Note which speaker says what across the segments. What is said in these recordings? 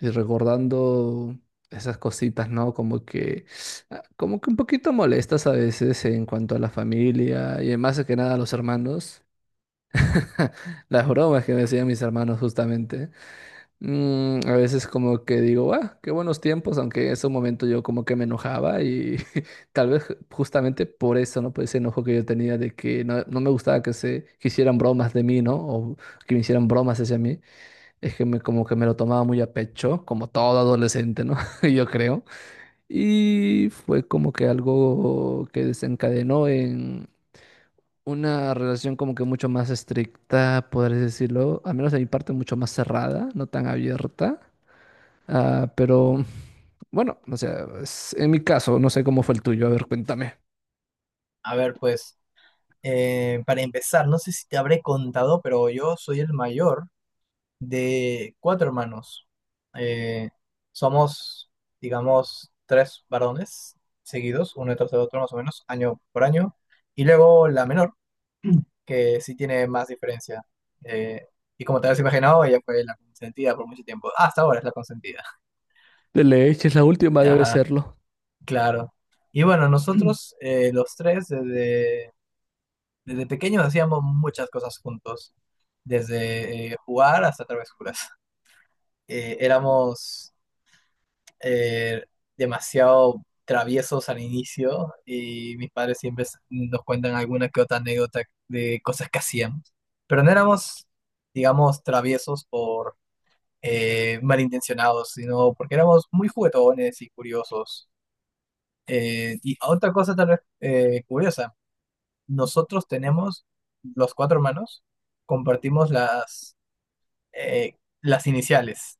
Speaker 1: Y recordando esas cositas, ¿no? Como que un poquito molestas a veces en cuanto a la familia y más que nada a los hermanos. Las bromas que me hacían mis hermanos justamente. A veces como que digo, ah, qué buenos tiempos, aunque en ese momento yo como que me enojaba y tal vez justamente por eso, ¿no? Por ese enojo que yo tenía de que no, no me gustaba que se que hicieran bromas de mí, ¿no? O que me hicieran bromas hacia mí. Es que como que me lo tomaba muy a pecho, como todo adolescente, ¿no? Yo creo. Y fue como que algo que desencadenó en una relación como que mucho más estricta, podrías decirlo, al menos de mi parte mucho más cerrada, no tan abierta. Ah, pero bueno, o sea, en mi caso, no sé cómo fue el tuyo, a ver, cuéntame.
Speaker 2: A ver, pues, para empezar, no sé si te habré contado, pero yo soy el mayor de cuatro hermanos. Eh, Somos, digamos, tres varones seguidos, uno detrás de otro más o menos, año por año. Y luego la menor, que sí tiene más diferencia. Eh, y como te habrás imaginado, ella fue la consentida por mucho tiempo. Ah, hasta ahora es la consentida.
Speaker 1: De leche es la última, debe
Speaker 2: Ajá,
Speaker 1: serlo.
Speaker 2: claro. Y bueno, nosotros, los tres, desde pequeños hacíamos muchas cosas juntos, desde jugar hasta travesuras. Éramos eh, demasiado traviesos al inicio, y mis padres siempre nos cuentan alguna que otra anécdota de cosas que hacíamos. Pero no éramos, digamos, traviesos por malintencionados, sino porque éramos muy juguetones y curiosos. Y otra cosa tal vez curiosa. Nosotros tenemos, los cuatro hermanos, compartimos las iniciales.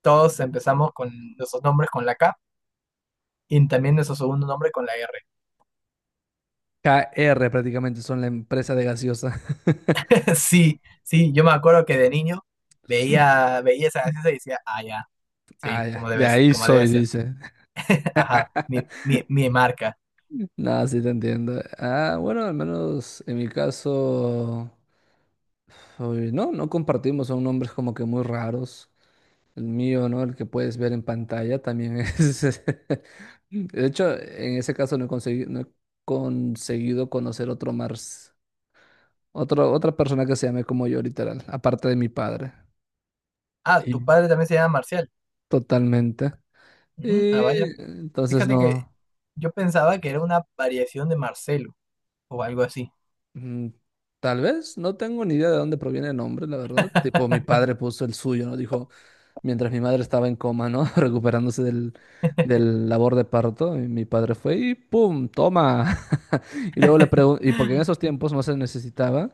Speaker 2: Todos empezamos con nuestros nombres con la K, y también nuestro segundo nombre con la R.
Speaker 1: KR prácticamente son la empresa de gaseosa.
Speaker 2: Sí, sí, yo me acuerdo que de niño veía esa gaseosa y decía, ah, ya, sí,
Speaker 1: Ah, ya, de ahí
Speaker 2: como
Speaker 1: soy,
Speaker 2: debe ser.
Speaker 1: dice.
Speaker 2: Ajá, mi marca.
Speaker 1: Nada, sí te entiendo. Ah, bueno, al menos en mi caso, uy, no, no compartimos, son nombres como que muy raros. El mío, ¿no? El que puedes ver en pantalla también es... De hecho, en ese caso no he conseguido conocer otro más, otra persona que se llame como yo, literal, aparte de mi padre.
Speaker 2: Ah, tu
Speaker 1: y
Speaker 2: padre también se llama Marcial.
Speaker 1: Totalmente.
Speaker 2: Mm,
Speaker 1: Y
Speaker 2: ah, vaya.
Speaker 1: entonces
Speaker 2: Fíjate que
Speaker 1: no,
Speaker 2: yo pensaba que era una variación de Marcelo o algo así.
Speaker 1: mm, tal vez no tengo ni idea de dónde proviene el nombre, la verdad. Tipo, mi padre puso el suyo, ¿no? Dijo, mientras mi madre estaba en coma, ¿no? Recuperándose del, del labor de parto, y mi padre fue y ¡pum! ¡Toma! Y luego le pregunté, y porque en esos tiempos no se necesitaba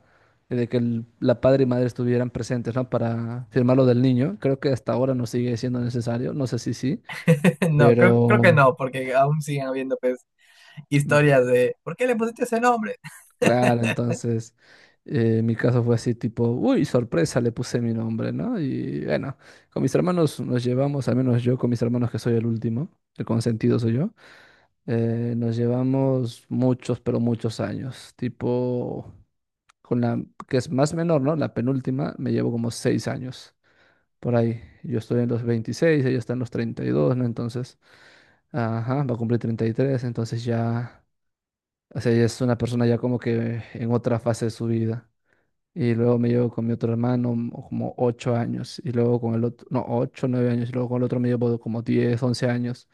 Speaker 1: de que la padre y madre estuvieran presentes, ¿no? Para firmar lo del niño. Creo que hasta ahora no sigue siendo necesario, no sé si sí,
Speaker 2: No, creo, creo que
Speaker 1: pero
Speaker 2: no, porque aún siguen habiendo pues,
Speaker 1: mm,
Speaker 2: historias de ¿por qué le pusiste ese nombre?
Speaker 1: claro, entonces... Mi caso fue así tipo, uy, sorpresa, le puse mi nombre, ¿no? Y bueno, con mis hermanos nos llevamos, al menos yo con mis hermanos que soy el último, el consentido soy yo. Nos llevamos muchos, pero muchos años. Tipo, con la que es más menor, ¿no? La penúltima, me llevo como 6 años por ahí. Yo estoy en los 26, ella está en los 32, ¿no? Entonces, ajá, va a cumplir 33, entonces ya, o sea, ella es una persona ya como que en otra fase de su vida. Y luego me llevo con mi otro hermano como 8 años, y luego con el otro, no, 8, 9 años, y luego con el otro me llevo como 10 u 11 años,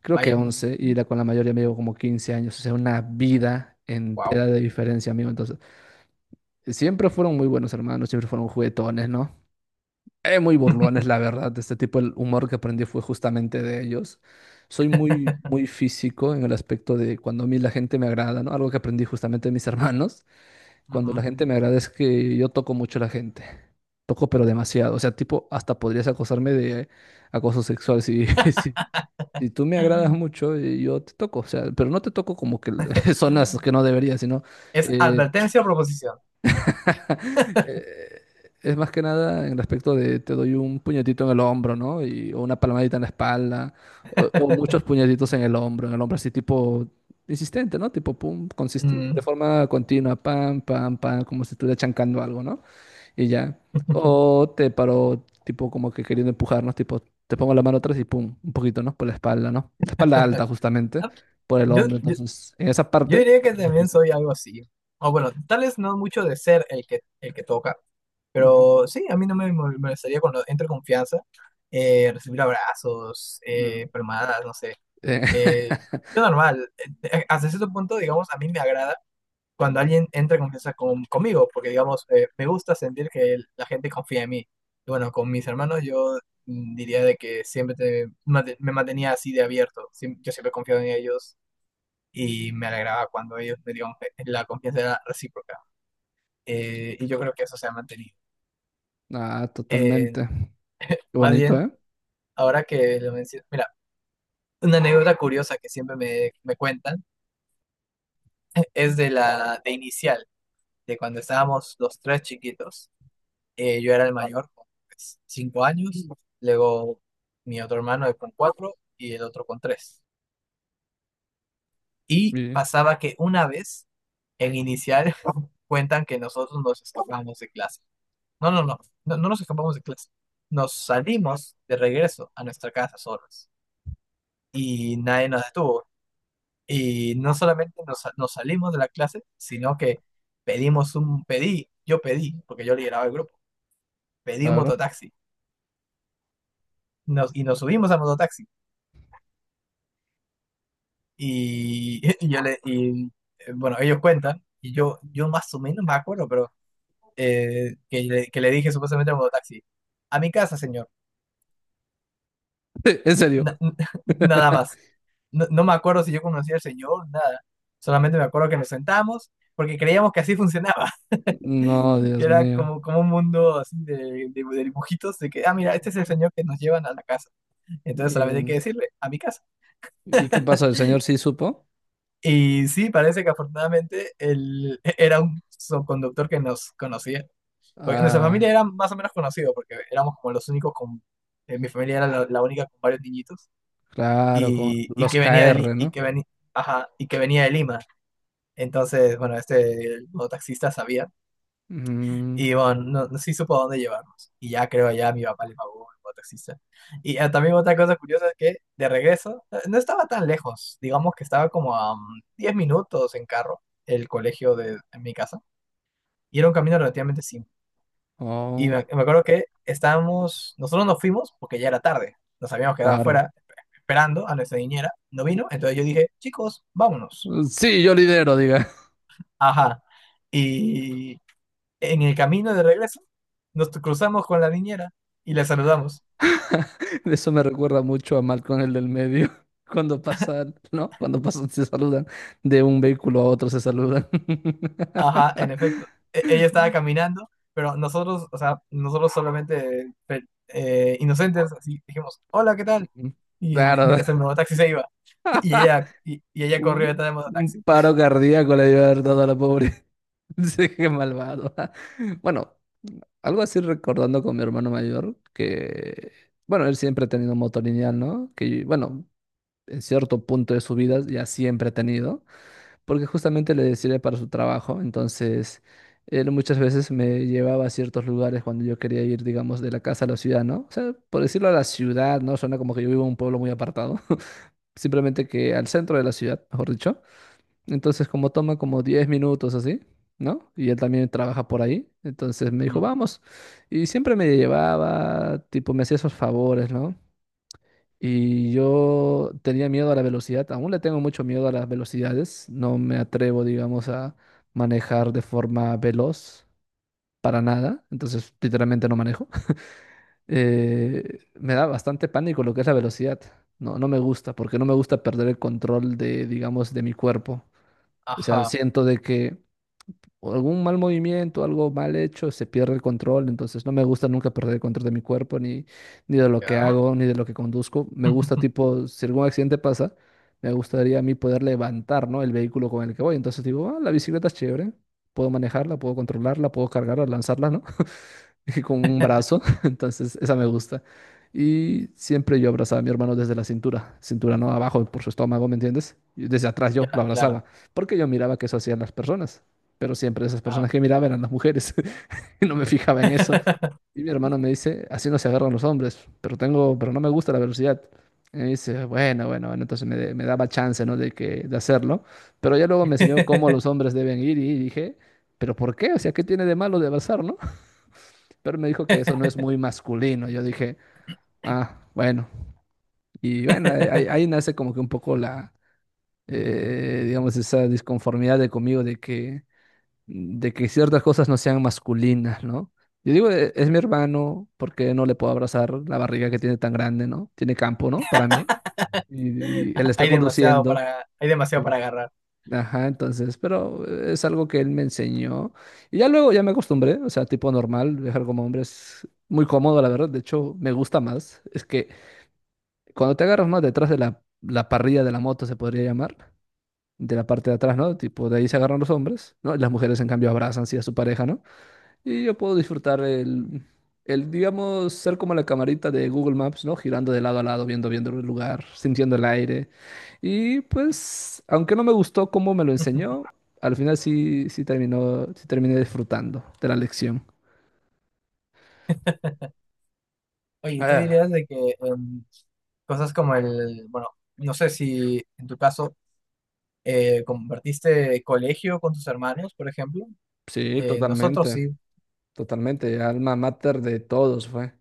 Speaker 1: creo que
Speaker 2: Vaya,
Speaker 1: 11, y con la mayoría me llevo como 15 años, o sea, una vida
Speaker 2: wow.
Speaker 1: entera de diferencia, amigo. Entonces, siempre fueron muy buenos hermanos, siempre fueron juguetones, ¿no? Muy burlones, la verdad. Este tipo, el humor que aprendí fue justamente de ellos. Soy muy, muy físico en el aspecto de cuando a mí la gente me agrada, ¿no? Algo que aprendí justamente de mis hermanos. Cuando la
Speaker 2: Ujú.
Speaker 1: gente me agrada es que yo toco mucho a la gente. Toco, pero demasiado. O sea, tipo, hasta podrías acosarme de acoso sexual si si tú me agradas mucho, yo te toco, o sea, pero no te toco como que zonas que no debería, sino
Speaker 2: ¿Es
Speaker 1: eh,
Speaker 2: advertencia o proposición?
Speaker 1: eh, es más que nada en respecto de te doy un puñetito en el hombro, ¿no? O una palmadita en la espalda, o muchos puñetitos en el hombro así tipo insistente, ¿no? Tipo pum, de
Speaker 2: Mm.
Speaker 1: forma continua, pam, pam, pam, como si estuviera chancando algo, ¿no? Y ya. O te paró, tipo, como que queriendo empujarnos, tipo, te pongo la mano atrás y pum, un poquito, ¿no? Por la espalda, ¿no? La espalda alta, justamente,
Speaker 2: Ah,
Speaker 1: por el
Speaker 2: Yo,
Speaker 1: hombro.
Speaker 2: yo,
Speaker 1: Entonces, en esa
Speaker 2: yo
Speaker 1: parte.
Speaker 2: diría
Speaker 1: Es
Speaker 2: que
Speaker 1: muy
Speaker 2: también
Speaker 1: difícil.
Speaker 2: soy algo así. O bueno, tal vez no mucho de ser el que toca,
Speaker 1: Ujú.
Speaker 2: pero sí, a mí no me molestaría cuando entre confianza, recibir abrazos,
Speaker 1: Mm.
Speaker 2: palmadas, no sé.
Speaker 1: Eh,
Speaker 2: Eh, yo normal, hasta cierto punto, digamos, a mí me agrada cuando alguien entra en confianza conmigo, porque digamos, me gusta sentir que la gente confía en mí. Y bueno, con mis hermanos yo, diría de que siempre me mantenía así de abierto. Yo siempre confiaba en ellos, y me alegraba cuando ellos me dieron la confianza era recíproca. Y yo creo que eso se ha mantenido.
Speaker 1: ah,
Speaker 2: Eh,
Speaker 1: totalmente. Qué
Speaker 2: Más
Speaker 1: bonito,
Speaker 2: bien,
Speaker 1: ¿eh?
Speaker 2: ahora que lo menciono, mira, una anécdota curiosa que siempre me cuentan es de la de inicial, de cuando estábamos los tres chiquitos. Yo era el mayor con pues, cinco años, luego mi otro hermano con cuatro y el otro con tres. Y
Speaker 1: Sí,
Speaker 2: pasaba que una vez en inicial cuentan que nosotros nos escapamos de clase. No, no, no, no, no nos escapamos de clase. Nos salimos de regreso a nuestra casa solos y nadie nos detuvo. Y no solamente nos salimos de la clase, sino que yo pedí, porque yo lideraba el grupo, pedí un
Speaker 1: claro.
Speaker 2: mototaxi, y nos subimos al mototaxi. Y bueno, ellos cuentan, y yo más o menos me acuerdo, pero que le dije supuestamente al mototaxi, a mi casa, señor.
Speaker 1: En serio.
Speaker 2: Na- Nada más. No, no me acuerdo si yo conocía al señor, nada. Solamente me acuerdo que nos sentamos porque creíamos que así funcionaba,
Speaker 1: No,
Speaker 2: que
Speaker 1: Dios
Speaker 2: era
Speaker 1: mío.
Speaker 2: como, como un mundo así de dibujitos, de que, ah, mira, este es el señor que nos llevan a la casa. Entonces
Speaker 1: ¿Y,
Speaker 2: solamente hay que
Speaker 1: en-
Speaker 2: decirle, a mi casa.
Speaker 1: ¿y qué pasó? ¿El señor sí supo?
Speaker 2: Y sí, parece que afortunadamente él era un conductor que nos conocía. Porque en nuestra familia
Speaker 1: Ah,
Speaker 2: era más o menos conocido, porque éramos como los únicos con... mi familia era la única con varios niñitos
Speaker 1: claro, con
Speaker 2: y
Speaker 1: los
Speaker 2: que venía de,
Speaker 1: KR, ¿no?
Speaker 2: ajá, y que venía de Lima. Entonces, bueno, este el mototaxista sabía,
Speaker 1: Mm,
Speaker 2: y bueno, no, no sí supo a dónde llevarnos. Y ya creo, ya mi papá le pagó al mototaxista. Y ah, también otra cosa curiosa es que de regreso no estaba tan lejos, digamos que estaba como a 10 minutos en carro el colegio en mi casa, y era un camino relativamente simple. Y
Speaker 1: oh,
Speaker 2: me acuerdo que estábamos, nosotros nos fuimos porque ya era tarde, nos habíamos quedado
Speaker 1: claro.
Speaker 2: afuera esperando a nuestra niñera, no vino, entonces yo dije, chicos, vámonos.
Speaker 1: Sí, yo lidero, diga.
Speaker 2: Ajá. Y en el camino de regreso nos cruzamos con la niñera y le saludamos.
Speaker 1: Eso me recuerda mucho a Malcolm el del medio. Cuando pasan, ¿no? Cuando pasan, se saludan. De un vehículo a otro se saludan.
Speaker 2: Ajá, en efecto. Ella estaba caminando, pero nosotros, o sea, nosotros solamente inocentes, así dijimos, hola, ¿qué tal?
Speaker 1: Ujú. Claro,
Speaker 2: Mientras el mototaxi se iba. Y ella, y ella corrió
Speaker 1: un,
Speaker 2: detrás del
Speaker 1: un
Speaker 2: mototaxi.
Speaker 1: paro cardíaco le dio a haber dado a la pobre. Sí, qué malvado. Bueno, algo así recordando con mi hermano mayor, que, bueno, él siempre ha tenido moto lineal, ¿no? Que, bueno, en cierto punto de su vida ya siempre ha tenido, porque justamente le sirve para su trabajo. Entonces, él muchas veces me llevaba a ciertos lugares cuando yo quería ir, digamos, de la casa a la ciudad, ¿no? O sea, por decirlo a la ciudad, ¿no? Suena como que yo vivo en un pueblo muy apartado, simplemente que al centro de la ciudad, mejor dicho. Entonces, como toma como 10 minutos así. ¿No? Y él también trabaja por ahí. Entonces me dijo,
Speaker 2: Ujú.
Speaker 1: vamos. Y siempre me llevaba, tipo, me hacía esos favores, ¿no? Y yo tenía miedo a la velocidad, aún le tengo mucho miedo a las velocidades, no me atrevo, digamos, a manejar de forma veloz para nada, entonces literalmente no manejo. Me da bastante pánico lo que es la velocidad, no, no me gusta, porque no me gusta perder el control de, digamos, de mi cuerpo. O sea,
Speaker 2: Ajá,
Speaker 1: siento de que o algún mal movimiento, algo mal hecho, se pierde el control. Entonces no me gusta nunca perder el control de mi cuerpo, ni de lo que
Speaker 2: ya.
Speaker 1: hago, ni de lo que conduzco. Me gusta tipo, si algún accidente pasa, me gustaría a mí poder levantar, ¿no? El vehículo con el que voy. Entonces digo, ah, la bicicleta es chévere, puedo manejarla, puedo controlarla, puedo cargarla, lanzarla, ¿no? con un brazo, entonces esa me gusta. Y siempre yo abrazaba a mi hermano desde la cintura, cintura no abajo por su estómago, ¿me entiendes? Y desde atrás yo lo
Speaker 2: Ya,
Speaker 1: abrazaba,
Speaker 2: claro.
Speaker 1: porque yo miraba que eso hacían las personas, pero siempre esas
Speaker 2: Ah.
Speaker 1: personas que miraba eran las mujeres y no me fijaba en eso. Y mi hermano me dice, así no se agarran los hombres, pero no me gusta la velocidad. Y me dice, bueno, bueno, bueno, entonces me daba chance, ¿no? De hacerlo, pero ya luego me enseñó cómo los hombres deben ir y dije, pero ¿por qué? O sea, ¿qué tiene de malo de abrazar, no? Pero me dijo que eso no es muy masculino. Yo dije, ah, bueno. Y bueno, ahí nace como que un poco la, digamos, esa disconformidad de conmigo de que, ciertas cosas no sean masculinas, ¿no? Yo digo, Es mi hermano, ¿por qué no le puedo abrazar la barriga que tiene tan grande, ¿no? Tiene campo, ¿no? Para mí. Y él está conduciendo.
Speaker 2: Hay demasiado para agarrar.
Speaker 1: Ajá, entonces, pero es algo que él me enseñó. Y ya luego ya me acostumbré, o sea, tipo normal, viajar como hombre es muy cómodo, la verdad. De hecho, me gusta más. Es que cuando te agarras más detrás de la parrilla de la moto, se podría llamar, de la parte de atrás, ¿no? Tipo, de ahí se agarran los hombres, ¿no? Y las mujeres, en cambio, abrazan, sí, a su pareja, ¿no? Y yo puedo disfrutar el, digamos, ser como la camarita de Google Maps, ¿no? Girando de lado a lado, viendo, viendo el lugar, sintiendo el aire. Y pues, aunque no me gustó cómo me lo enseñó, al final sí terminé disfrutando de la lección.
Speaker 2: Oye, ¿tú
Speaker 1: Eh,
Speaker 2: dirías de que cosas como el, bueno, no sé si en tu caso compartiste colegio con tus hermanos, por ejemplo?
Speaker 1: sí,
Speaker 2: Nosotros
Speaker 1: totalmente,
Speaker 2: sí,
Speaker 1: totalmente. Alma mater de todos fue.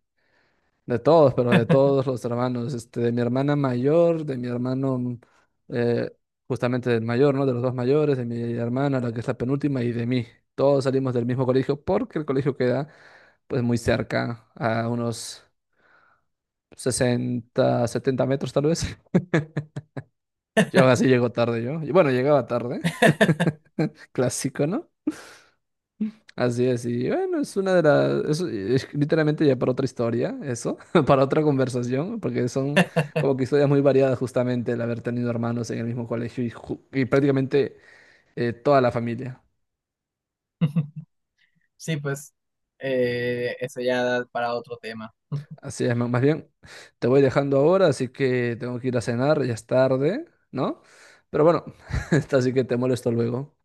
Speaker 1: De todos, pero de todos los hermanos, este, de mi hermana mayor, de mi hermano, eh, justamente el mayor, ¿no? De los dos mayores, de mi hermana, la que es la penúltima, y de mí. Todos salimos del mismo colegio porque el colegio queda, pues, muy cerca, a unos 60-70 metros tal vez. Yo así llego tarde yo. Y bueno, llegaba tarde, clásico, ¿no? Así es, y bueno, es una eso es literalmente ya para otra historia, eso, para otra conversación, porque son como que historias muy variadas justamente el haber tenido hermanos en el mismo colegio y prácticamente toda la familia.
Speaker 2: sí, pues, eso ya da para otro tema.
Speaker 1: Así es, más bien, te voy dejando ahora, así que tengo que ir a cenar, ya es tarde, ¿no? Pero bueno, así que te molesto luego.